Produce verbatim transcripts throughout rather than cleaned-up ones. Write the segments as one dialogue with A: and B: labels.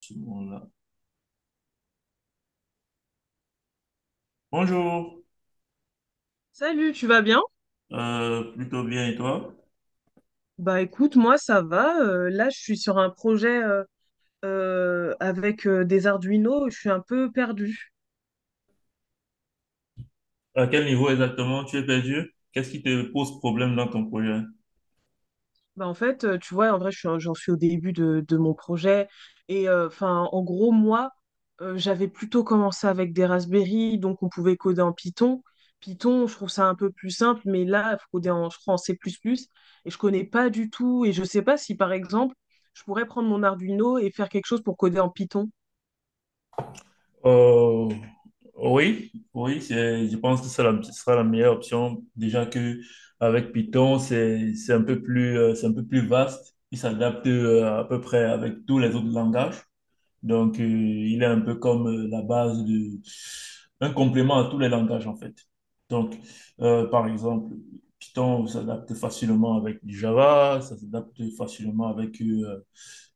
A: Ce moment-là. Bonjour.
B: Salut, tu vas bien?
A: Euh, plutôt bien et toi?
B: Bah écoute, moi ça va. euh, là, je suis sur un projet euh, euh, avec euh, des Arduino. Je suis un peu perdue.
A: À quel niveau exactement tu es perdu? Qu'est-ce qui te pose problème dans ton projet?
B: Bah en fait, euh, tu vois, en vrai, je suis un- j'en suis au début de, de mon projet. Et euh, enfin, en gros, moi, euh, j'avais plutôt commencé avec des Raspberry, donc on pouvait coder en Python. Python, je trouve ça un peu plus simple, mais là, il faut coder en, je crois, en C++ plus plus. Et je connais pas du tout. Et je sais pas si, par exemple, je pourrais prendre mon Arduino et faire quelque chose pour coder en Python.
A: Euh, oui, oui, c'est- je pense que c'est la- ce sera la meilleure option. Déjà que avec Python, c'est c'est un peu plus euh, c'est un peu plus vaste. Il s'adapte euh, à peu près avec tous les autres langages. Donc, euh, il est un peu comme euh, la base de... un complément à tous les langages, en fait. Donc, euh, par exemple, Python s'adapte facilement avec du Java, ça s'adapte facilement avec, euh,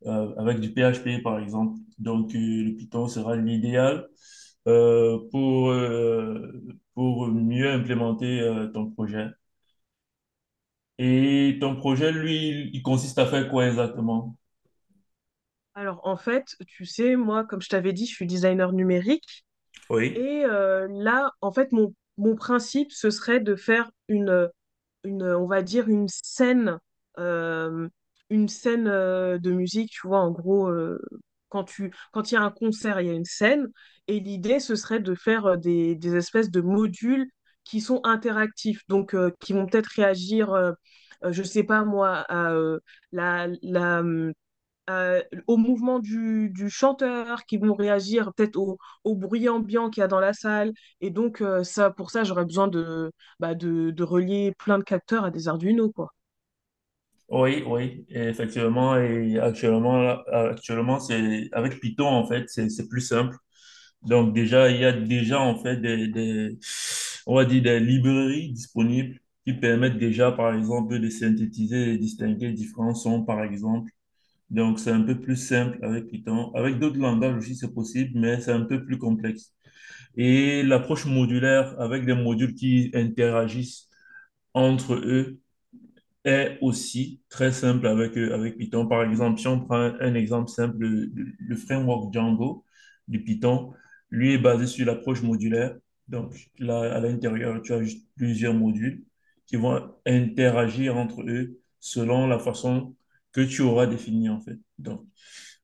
A: euh, avec du P H P, par exemple. Donc, euh, le Python sera l'idéal euh, pour, euh, pour mieux implémenter euh, ton projet. Et ton projet, lui, il il consiste à faire quoi exactement?
B: Alors en fait, tu sais, moi, comme je t'avais dit, je suis designer numérique
A: Oui.
B: et euh, là, en fait, mon, mon principe, ce serait de faire une, une, on va dire, une scène, euh, une scène euh, de musique, tu vois, en gros, euh, quand tu, quand il y a un concert, il y a une scène et l'idée, ce serait de faire euh, des, des espèces de modules qui sont interactifs, donc euh, qui vont peut-être réagir, euh, euh, je sais pas moi, à euh, la, la hum, euh, au mouvement du, du chanteur, qui vont réagir peut-être au, au bruit ambiant qu'il y a dans la salle. Et donc, euh, ça, pour ça, j'aurais besoin de, bah, de, de relier plein de capteurs à des Arduino, quoi.
A: Oui, oui, et effectivement. Et actuellement, là, actuellement, c'est avec Python, en fait, c'est c'est plus simple. Donc déjà, il y a déjà, en fait, des, des- on va dire des librairies disponibles qui permettent déjà, par exemple, de synthétiser et distinguer différents sons, par exemple. Donc c'est un peu plus simple avec Python. Avec d'autres langages aussi, c'est possible, mais c'est un peu plus complexe. Et l'approche modulaire avec des modules qui interagissent entre eux est aussi très simple avec, euh, avec Python. Par exemple, si on prend un, un exemple simple, le, le framework Django du Python, lui est basé sur l'approche modulaire. Donc là, à l'intérieur, tu as juste plusieurs modules qui vont interagir entre eux selon la façon que tu auras définie en fait. Donc,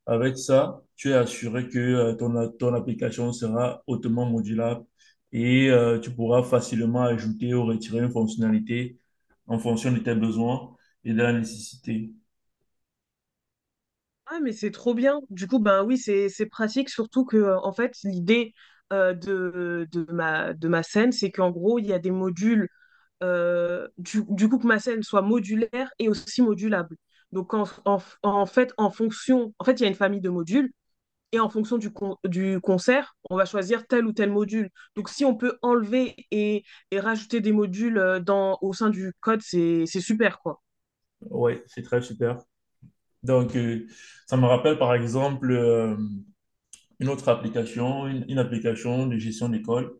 A: avec ça, tu es assuré que euh, ton, ton application sera hautement modulable et euh, tu pourras facilement ajouter ou retirer une fonctionnalité en fonction de tes besoins et de la nécessité.
B: Ah, mais c'est trop bien. Du coup, ben oui, c'est c'est pratique, surtout que, euh, en fait, l'idée euh, de, de ma, de ma scène, c'est qu'en gros, il y a des modules, euh, du, du coup, que ma scène soit modulaire et aussi modulable. Donc, en, en, en fait, en fonction, en fait, il y a une famille de modules, et en fonction du, con- du concert, on va choisir tel ou tel module. Donc si on peut enlever et, et rajouter des modules, euh, dans, au sein du code, c'est, c'est super, quoi.
A: Ouais, c'est très super. Donc, euh, ça me rappelle par exemple euh, une autre application, une, une application de gestion d'école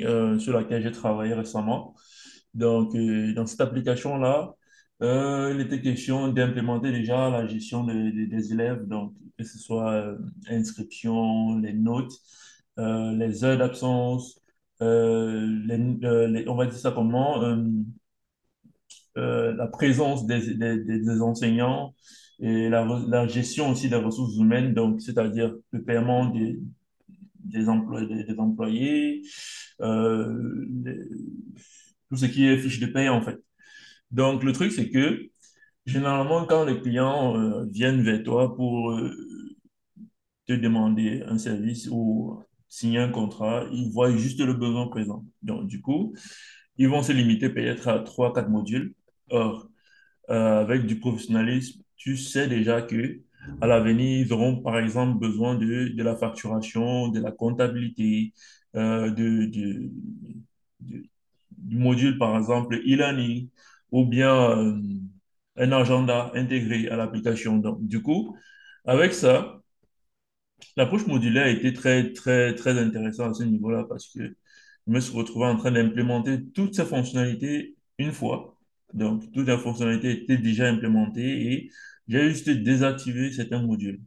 A: euh, sur laquelle j'ai travaillé récemment. Donc, euh, dans cette application-là, euh, il était question d'implémenter déjà la gestion de- de- des élèves, donc que ce soit euh, inscription, les notes, euh, les heures d'absence, euh, les- euh, les- on va dire ça comment, euh, euh, la présence des, des- des- des enseignants et la, re- la gestion aussi des ressources humaines, donc c'est-à-dire le paiement des, des, emplois, des, des employés, euh, les- tout ce qui est fiche de paie en fait. Donc le truc c'est que généralement quand les clients euh, viennent vers toi pour euh, te demander un service ou signer un contrat, ils voient juste le besoin présent. Donc du coup, ils vont se limiter peut-être à trois, quatre modules. Or, euh, avec du professionnalisme, tu sais déjà que à l'avenir, ils auront par exemple besoin de, de la facturation, de la comptabilité, euh, de, de- de- du module par exemple e-learning ou bien euh, un agenda intégré à l'application. Donc, du coup, avec ça, L'approche modulaire a été très, très, très intéressante à ce niveau-là parce que je me suis retrouvé en train d'implémenter toutes ces fonctionnalités une fois. Donc, toutes les fonctionnalités étaient déjà implémentées et j'ai juste désactivé certains modules.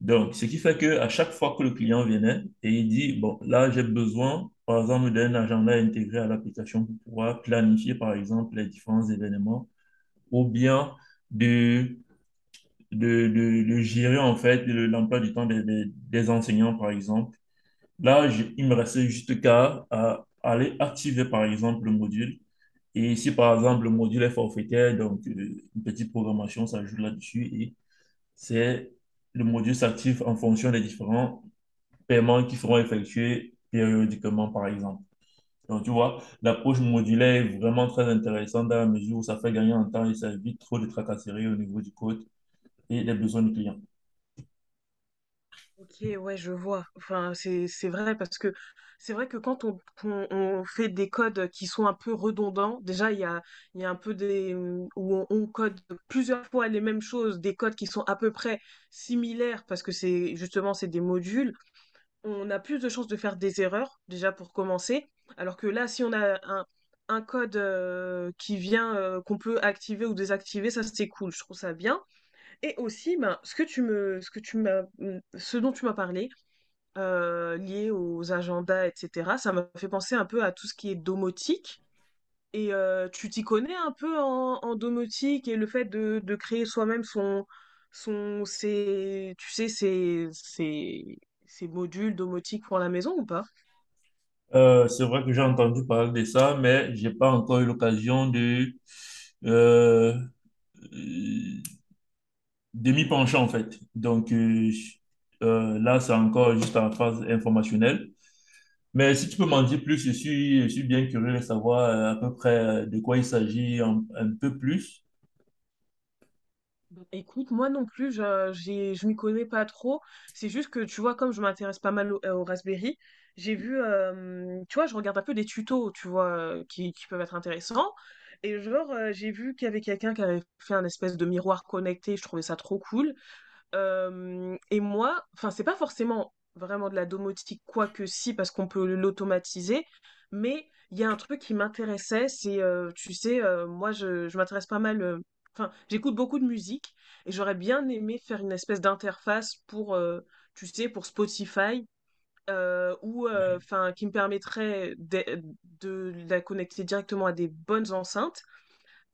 A: Donc, ce qui fait que à chaque fois que le client venait et il dit, bon, là, j'ai besoin, par exemple, d'un agenda intégré à l'application pour pouvoir planifier, par exemple, les différents événements ou bien de, de, de, de gérer, en fait, l'emploi du temps des, des, des enseignants, par exemple, Là, je- il me restait juste qu'à à aller activer, par exemple, le module. Et si, par exemple, le module est forfaitaire, donc euh, une petite programmation s'ajoute là-dessus et c'est le module s'active en fonction des différents paiements qui seront effectués périodiquement, par exemple. Donc, tu vois, l'approche modulaire est vraiment très intéressante dans la mesure où ça fait gagner en temps et ça évite trop de tracasseries au niveau du code et des besoins du client.
B: Ok, ouais, je vois. Enfin, c'est, c'est vrai parce que c'est vrai que quand on, on- on fait des codes qui sont un peu redondants, déjà, il y a, il y a un peu des... où on, on code plusieurs fois les mêmes choses, des codes qui sont à peu près similaires parce que c'est justement, c'est des modules. On a plus de chances de faire des erreurs, déjà pour commencer. Alors que là, si on a un, un code, euh, qui vient, euh, qu'on peut activer ou désactiver, ça c'est cool, je trouve ça bien. Et aussi, ben, ce que tu me, ce que tu m'as, ce dont tu m'as parlé, euh, lié aux agendas, et cetera, ça m'a fait penser un peu à tout ce qui est domotique. Et euh, tu t'y connais un peu en, en domotique et le fait de, de créer soi-même son, son, ses, tu sais, ses, ses, ses modules domotiques pour la maison ou pas?
A: Euh, c'est vrai que j'ai entendu parler de ça, mais j'ai pas encore eu l'occasion de, euh, euh, de m'y pencher en fait. Donc euh, je- euh, là, c'est encore juste en phase informationnelle. Mais si tu peux m'en dire plus, je suis, je suis bien curieux de savoir euh, à peu près euh, de quoi il s'agit un, un peu plus.
B: Bah, écoute, moi non plus, je, j'ai, je m'y connais pas trop. C'est juste que, tu vois, comme je m'intéresse pas mal au, euh, au Raspberry, j'ai vu, euh, tu vois, je regarde un peu des tutos, tu vois, euh, qui, qui peuvent être intéressants. Et genre, euh, j'ai vu qu'il y avait quelqu'un qui avait fait un espèce de miroir connecté. Je trouvais ça trop cool. Euh, et moi, enfin, c'est pas forcément vraiment de la domotique, quoique si, parce qu'on peut l'automatiser, mais il y a un truc qui m'intéressait, c'est, euh, tu sais, euh, moi, je, je m'intéresse pas mal, euh, enfin, j'écoute beaucoup de musique, et j'aurais bien aimé faire une espèce d'interface pour, euh, tu sais, pour Spotify, euh, ou,
A: Ouais.
B: enfin, qui me permettrait de, de la connecter directement à des bonnes enceintes,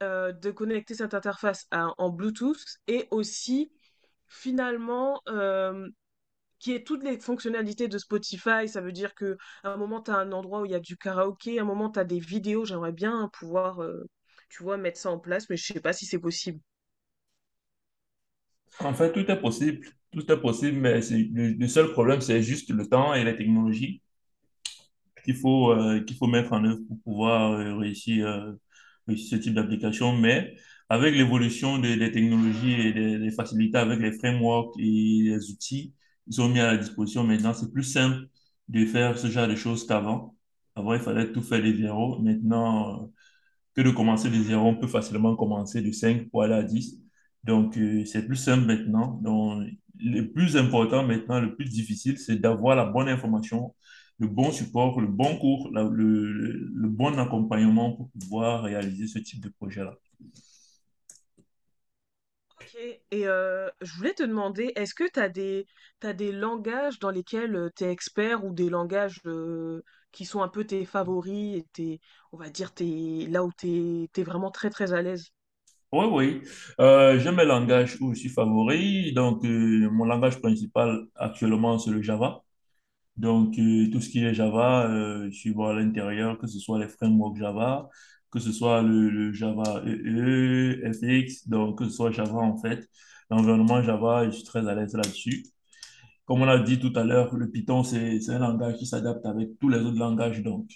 B: euh, de connecter cette interface à- en Bluetooth et aussi finalement, euh, qui est toutes les fonctionnalités de Spotify. Ça veut dire que à un moment, tu as un endroit où il y a du karaoké, à un moment, tu as des vidéos. J'aimerais bien pouvoir, euh, tu vois, mettre ça en place, mais je sais pas si c'est possible.
A: En fait, tout est possible, tout est possible, mais c'est- le, le seul problème, c'est juste le temps et la technologie. qu'il faut, euh, qu'il faut mettre en œuvre pour pouvoir euh, réussir, euh, réussir ce type d'application. Mais avec l'évolution des, des technologies et des, des facilités avec les frameworks et les outils, ils ont mis à la disposition maintenant, c'est plus simple de faire ce genre de choses qu'avant. Avant, il fallait tout faire de zéro. Maintenant, que de commencer de zéro. On peut facilement commencer de cinq pour aller à dix Donc, euh, c'est plus simple maintenant. Donc, le plus important maintenant, le plus difficile, c'est d'avoir la bonne information, le bon support, le bon cours, la- le, le- le bon accompagnement pour pouvoir réaliser ce type de projet-là.
B: Ok, et euh, je voulais te demander, est-ce que tu as des, t'as des langages dans lesquels tu es expert ou des langages, euh, qui sont un peu tes favoris et tes, on va dire, tes, là où tu es, vraiment très très à l'aise?
A: Oui, oui. Euh, j'aime le langage où je suis favori. Donc, euh, mon langage principal actuellement, c'est le Java. Donc, euh, tout ce qui est Java, euh, je suis bon à l'intérieur, que ce soit les frameworks Java, que ce soit le, le Java E E, F X, donc que ce soit Java en fait. L'environnement Java, je suis très à l'aise là-dessus. Comme on a dit tout à l'heure, le Python, c'est c'est un langage qui s'adapte avec tous les autres langages. Donc,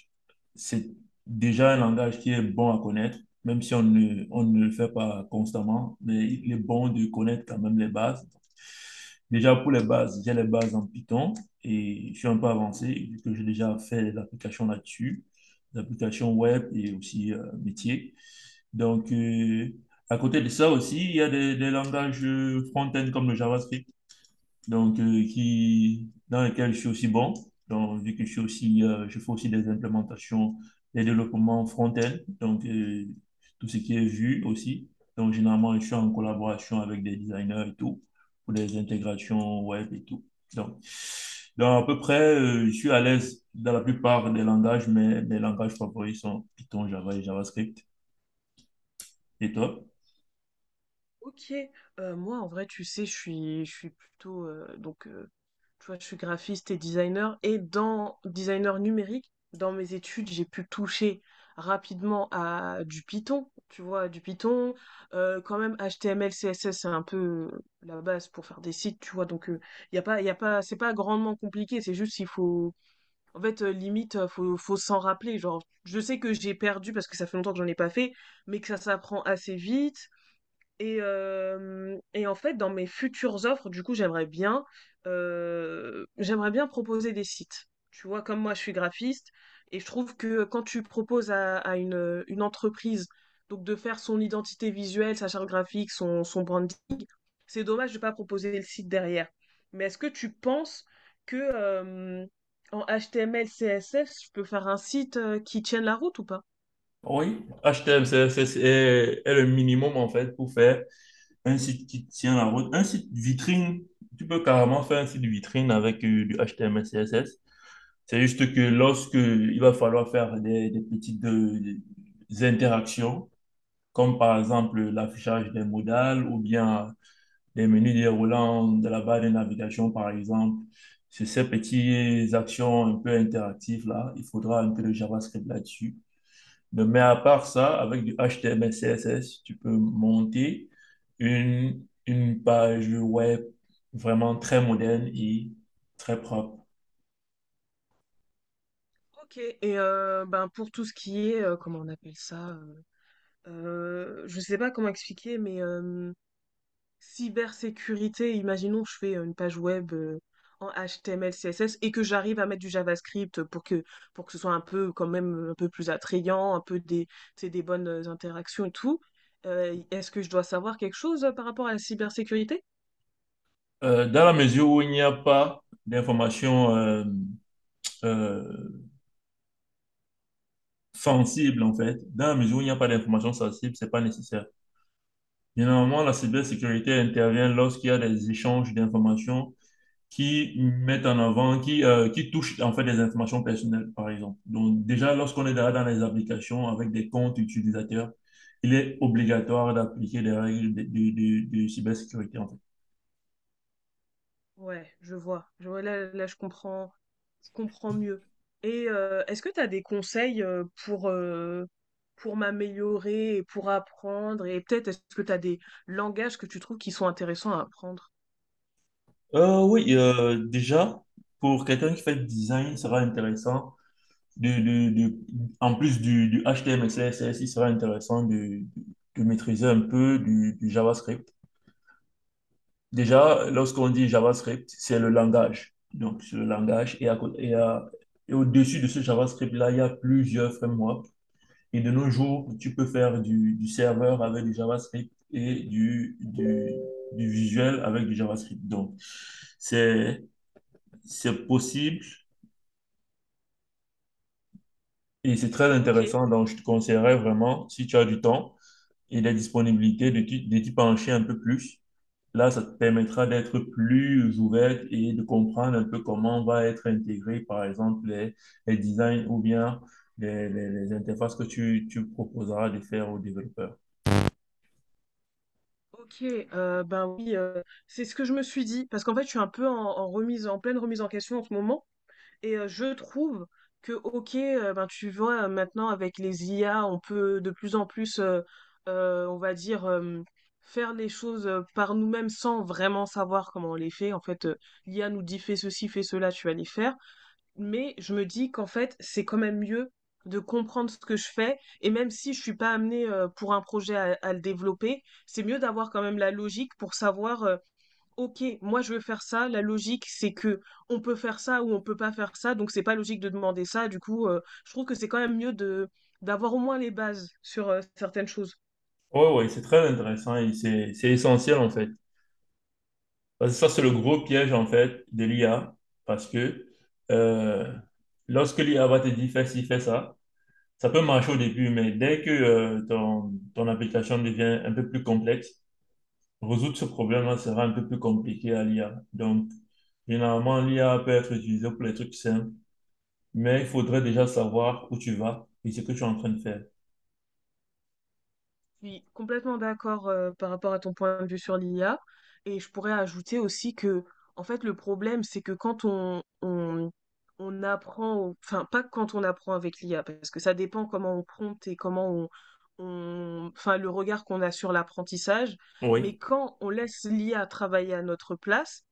A: c'est déjà un langage qui est bon à connaître, même si on ne, on ne le fait pas constamment, mais il est bon de connaître quand même les bases. Déjà, pour les bases, j'ai les bases en Python et je suis un peu avancé, vu que j'ai déjà fait des applications là-dessus, des applications web et aussi euh, métier. Donc, euh, à côté de ça aussi, il y a des, des langages euh, front-end comme le JavaScript donc euh, qui, dans lequel je suis aussi bon. Donc, vu que je suis aussi, euh, je fais aussi des implémentations, des développements front-end, donc euh, tout ce qui est vu aussi. Donc, généralement, je suis en collaboration avec des designers et tout, pour des intégrations web et tout. Donc, donc à peu près, euh, je suis à l'aise dans la plupart des langages, mais mes langages favoris sont Python, Java et JavaScript. Et toi?
B: Ok, Euh, moi en vrai, tu sais, je suis, je suis plutôt, euh, donc, euh, tu vois, je suis graphiste et designer et dans designer numérique, dans mes études, j'ai pu toucher rapidement à du Python, tu vois, du Python, euh, quand même H T M L, C S S, c'est un peu la base pour faire des sites, tu vois, donc il y a pas, y a pas, c'est pas grandement compliqué, c'est juste qu'il faut, en fait, euh, limite, euh, faut, faut s'en rappeler, genre, je sais que j'ai perdu parce que ça fait longtemps que j'en ai pas fait, mais que ça s'apprend assez vite. Et, euh, et en fait, dans mes futures offres, du coup, j'aimerais bien, euh, j'aimerais bien proposer des sites. Tu vois, comme moi, je suis graphiste et je trouve que quand tu proposes à, à une, une entreprise donc de faire son identité visuelle, sa charte graphique, son, son branding, c'est dommage de ne pas proposer le site derrière. Mais est-ce que tu penses que, euh, en H T M L, C S S, je peux faire un site, euh, qui tienne la route ou pas?
A: Oui, H T M L, C S S est, est le minimum en fait pour faire Un site qui tient la route, un site vitrine, tu peux carrément faire un site vitrine avec euh, du H T M L, C S S. C'est juste que lorsque il va falloir faire des, des petites euh, des interactions, comme par exemple l'affichage des modales ou bien les menus déroulants de la barre de navigation, par exemple, c'est ces petites actions un peu interactives là, il faudra un peu de JavaScript là-dessus. Mais, mais à part ça, avec du H T M L, C S S, tu peux monter une, une page web vraiment très moderne et très propre.
B: Ok. Et euh, ben pour tout ce qui est, euh, comment on appelle ça? Euh, je sais pas comment expliquer, mais, euh, cybersécurité, imaginons que je fais une page web, euh, en H T M L, C S S et que j'arrive à mettre du JavaScript pour que, pour que ce soit un peu quand même un peu plus attrayant, un peu des, tu sais, des bonnes interactions et tout. Euh, est-ce que je dois savoir quelque chose, euh, par rapport à la cybersécurité?
A: Euh, dans la mesure où il n'y a pas d'informations euh, euh, sensibles, en fait, dans la mesure où il n'y a pas d'informations sensibles, c'est pas nécessaire. Généralement, la cybersécurité intervient lorsqu'il y a des échanges d'informations qui mettent en avant, qui, euh, qui touchent en fait des informations personnelles, par exemple. Donc déjà, lorsqu'on est dans dans les applications avec des comptes utilisateurs, il est obligatoire d'appliquer les règles de, de, de- de cybersécurité, en fait.
B: Ouais, je vois. Je vois, là, là, je comprends, je comprends mieux. Et euh, est-ce que tu as des conseils, euh, pour, euh, pour m'améliorer et pour apprendre? Et peut-être, est-ce que tu as des langages que tu trouves qui sont intéressants à apprendre?
A: Euh, oui, euh, déjà, pour quelqu'un qui fait du design, il sera intéressant, de, de, de- en plus du, du H T M L, C S S, il sera intéressant de, de maîtriser un peu du, du JavaScript Déjà, lorsqu'on dit JavaScript, c'est le langage. Donc, c'est le langage. Et, à cô- et à- et au-dessus de ce JavaScript-là, il y a plusieurs frameworks. Et de nos jours, tu peux faire du, du serveur avec du JavaScript et du, du, du visuel avec du JavaScript. Donc, c'est, c'est possible et c'est très
B: Ok,
A: intéressant. Donc, je te conseillerais vraiment, si tu as du temps et la disponibilité, de t'y de t'y pencher un peu plus Là, ça te permettra d'être plus ouverte et de comprendre un peu comment va être intégré, par exemple, les, les designs ou bien les, les- les interfaces que tu, tu proposeras de faire aux développeurs.
B: ok, euh, ben oui, euh, c'est ce que je me suis dit, parce qu'en fait, je suis un peu en, en remise, en pleine remise en question en ce moment. Et euh, je trouve que, ok, euh, ben, tu vois, euh, maintenant avec les I A, on peut de plus en plus, euh, euh, on va dire, euh, faire les choses, euh, par nous-mêmes sans vraiment savoir comment on les fait. En fait, euh, l'I A nous dit fais ceci, fais cela, tu vas les faire. Mais je me dis qu'en fait, c'est quand même mieux de comprendre ce que je fais. Et même si je suis pas amenée, euh, pour un projet à, à le développer, c'est mieux d'avoir quand même la logique pour savoir, OK, moi je veux faire ça. La logique, c'est que on peut faire ça ou on peut pas faire ça, donc c'est pas logique de demander ça. Du coup, euh, je trouve que c'est quand même mieux de d'avoir au moins les bases sur, euh, certaines choses.
A: Oui, oui, c'est très intéressant et c'est, c'est essentiel en fait. Parce que ça, c'est le gros piège en fait de l'I A parce que euh, lorsque l'I A va te dire fais ci, fais ça, ça peut marcher au début, mais dès que euh, ton, ton application devient un peu plus complexe, Résoudre ce problème-là sera un peu plus compliqué à l'I A. Donc, généralement, l'I A peut être utilisée pour les trucs simples, mais il faudrait déjà savoir où tu vas et ce que tu es en train de faire.
B: Je suis complètement d'accord, euh, par rapport à ton point de vue sur l'I A et je pourrais ajouter aussi que en fait le problème, c'est que quand on, on on apprend au- enfin pas quand on apprend avec l'I A parce que ça dépend comment on prompte et comment on, on- enfin le regard qu'on a sur l'apprentissage,
A: Oui,
B: mais quand on laisse l'I A travailler à notre place,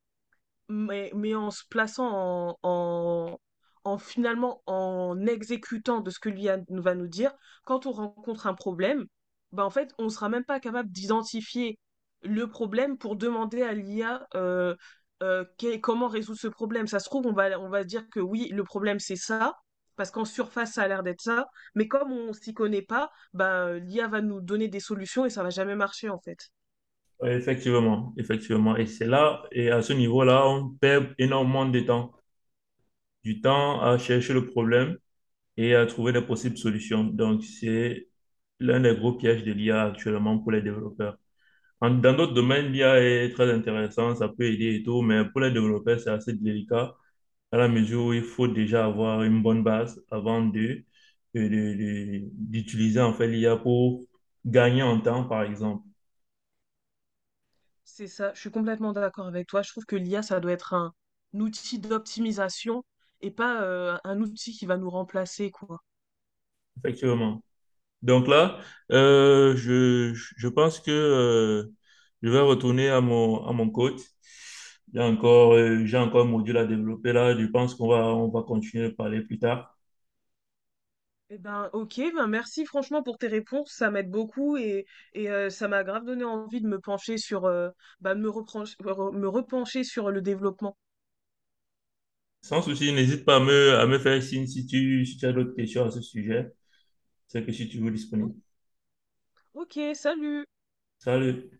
B: mais, mais en se plaçant en, en, en finalement, en exécutant de ce que l'I A nous va nous dire, quand on rencontre un problème, bah en fait, on ne sera même pas capable d'identifier le problème pour demander à l'I A, euh, euh, que- comment résoudre ce problème. Ça se trouve, on va, on va dire que oui, le problème c'est ça, parce qu'en surface, ça a l'air d'être ça, mais comme on s'y connaît pas, bah, l'I A va nous donner des solutions et ça va jamais marcher en fait.
A: Oui, Effectivement, effectivement. Et c'est là, et à ce niveau-là, on perd énormément de temps. Du temps à chercher le problème et à trouver des possibles solutions. Donc, c'est l'un des gros pièges de l'I A actuellement pour les développeurs. En- Dans d'autres domaines, l'I A est très intéressant, ça peut aider et tout, mais pour les développeurs, c'est assez délicat à la mesure où il faut déjà avoir une bonne base avant de, de- de- de- d'utiliser en fait l'I A pour gagner en temps, par exemple.
B: C'est ça, je suis complètement d'accord avec toi. Je trouve que l'I A, ça doit être un, un outil d'optimisation et pas, euh, un outil qui va nous remplacer, quoi.
A: Effectivement. Donc là, euh, je, je pense que euh, je vais retourner à mon, à mon, coach. J'ai encore, euh, j'ai encore un module à développer là. Je pense qu'on va, on va continuer de parler plus tard.
B: Eh ben, ok, ben merci franchement pour tes réponses, ça m'aide beaucoup et, et euh, ça m'a grave donné envie de me pencher sur, euh, bah, de me repren- re- me repencher sur le développement.
A: Sans souci, n'hésite pas à me, à me, faire signe si tu, si tu as d'autres questions à ce sujet. C'est que si tu veux disponible.
B: Hum, Ok, salut!
A: Salut.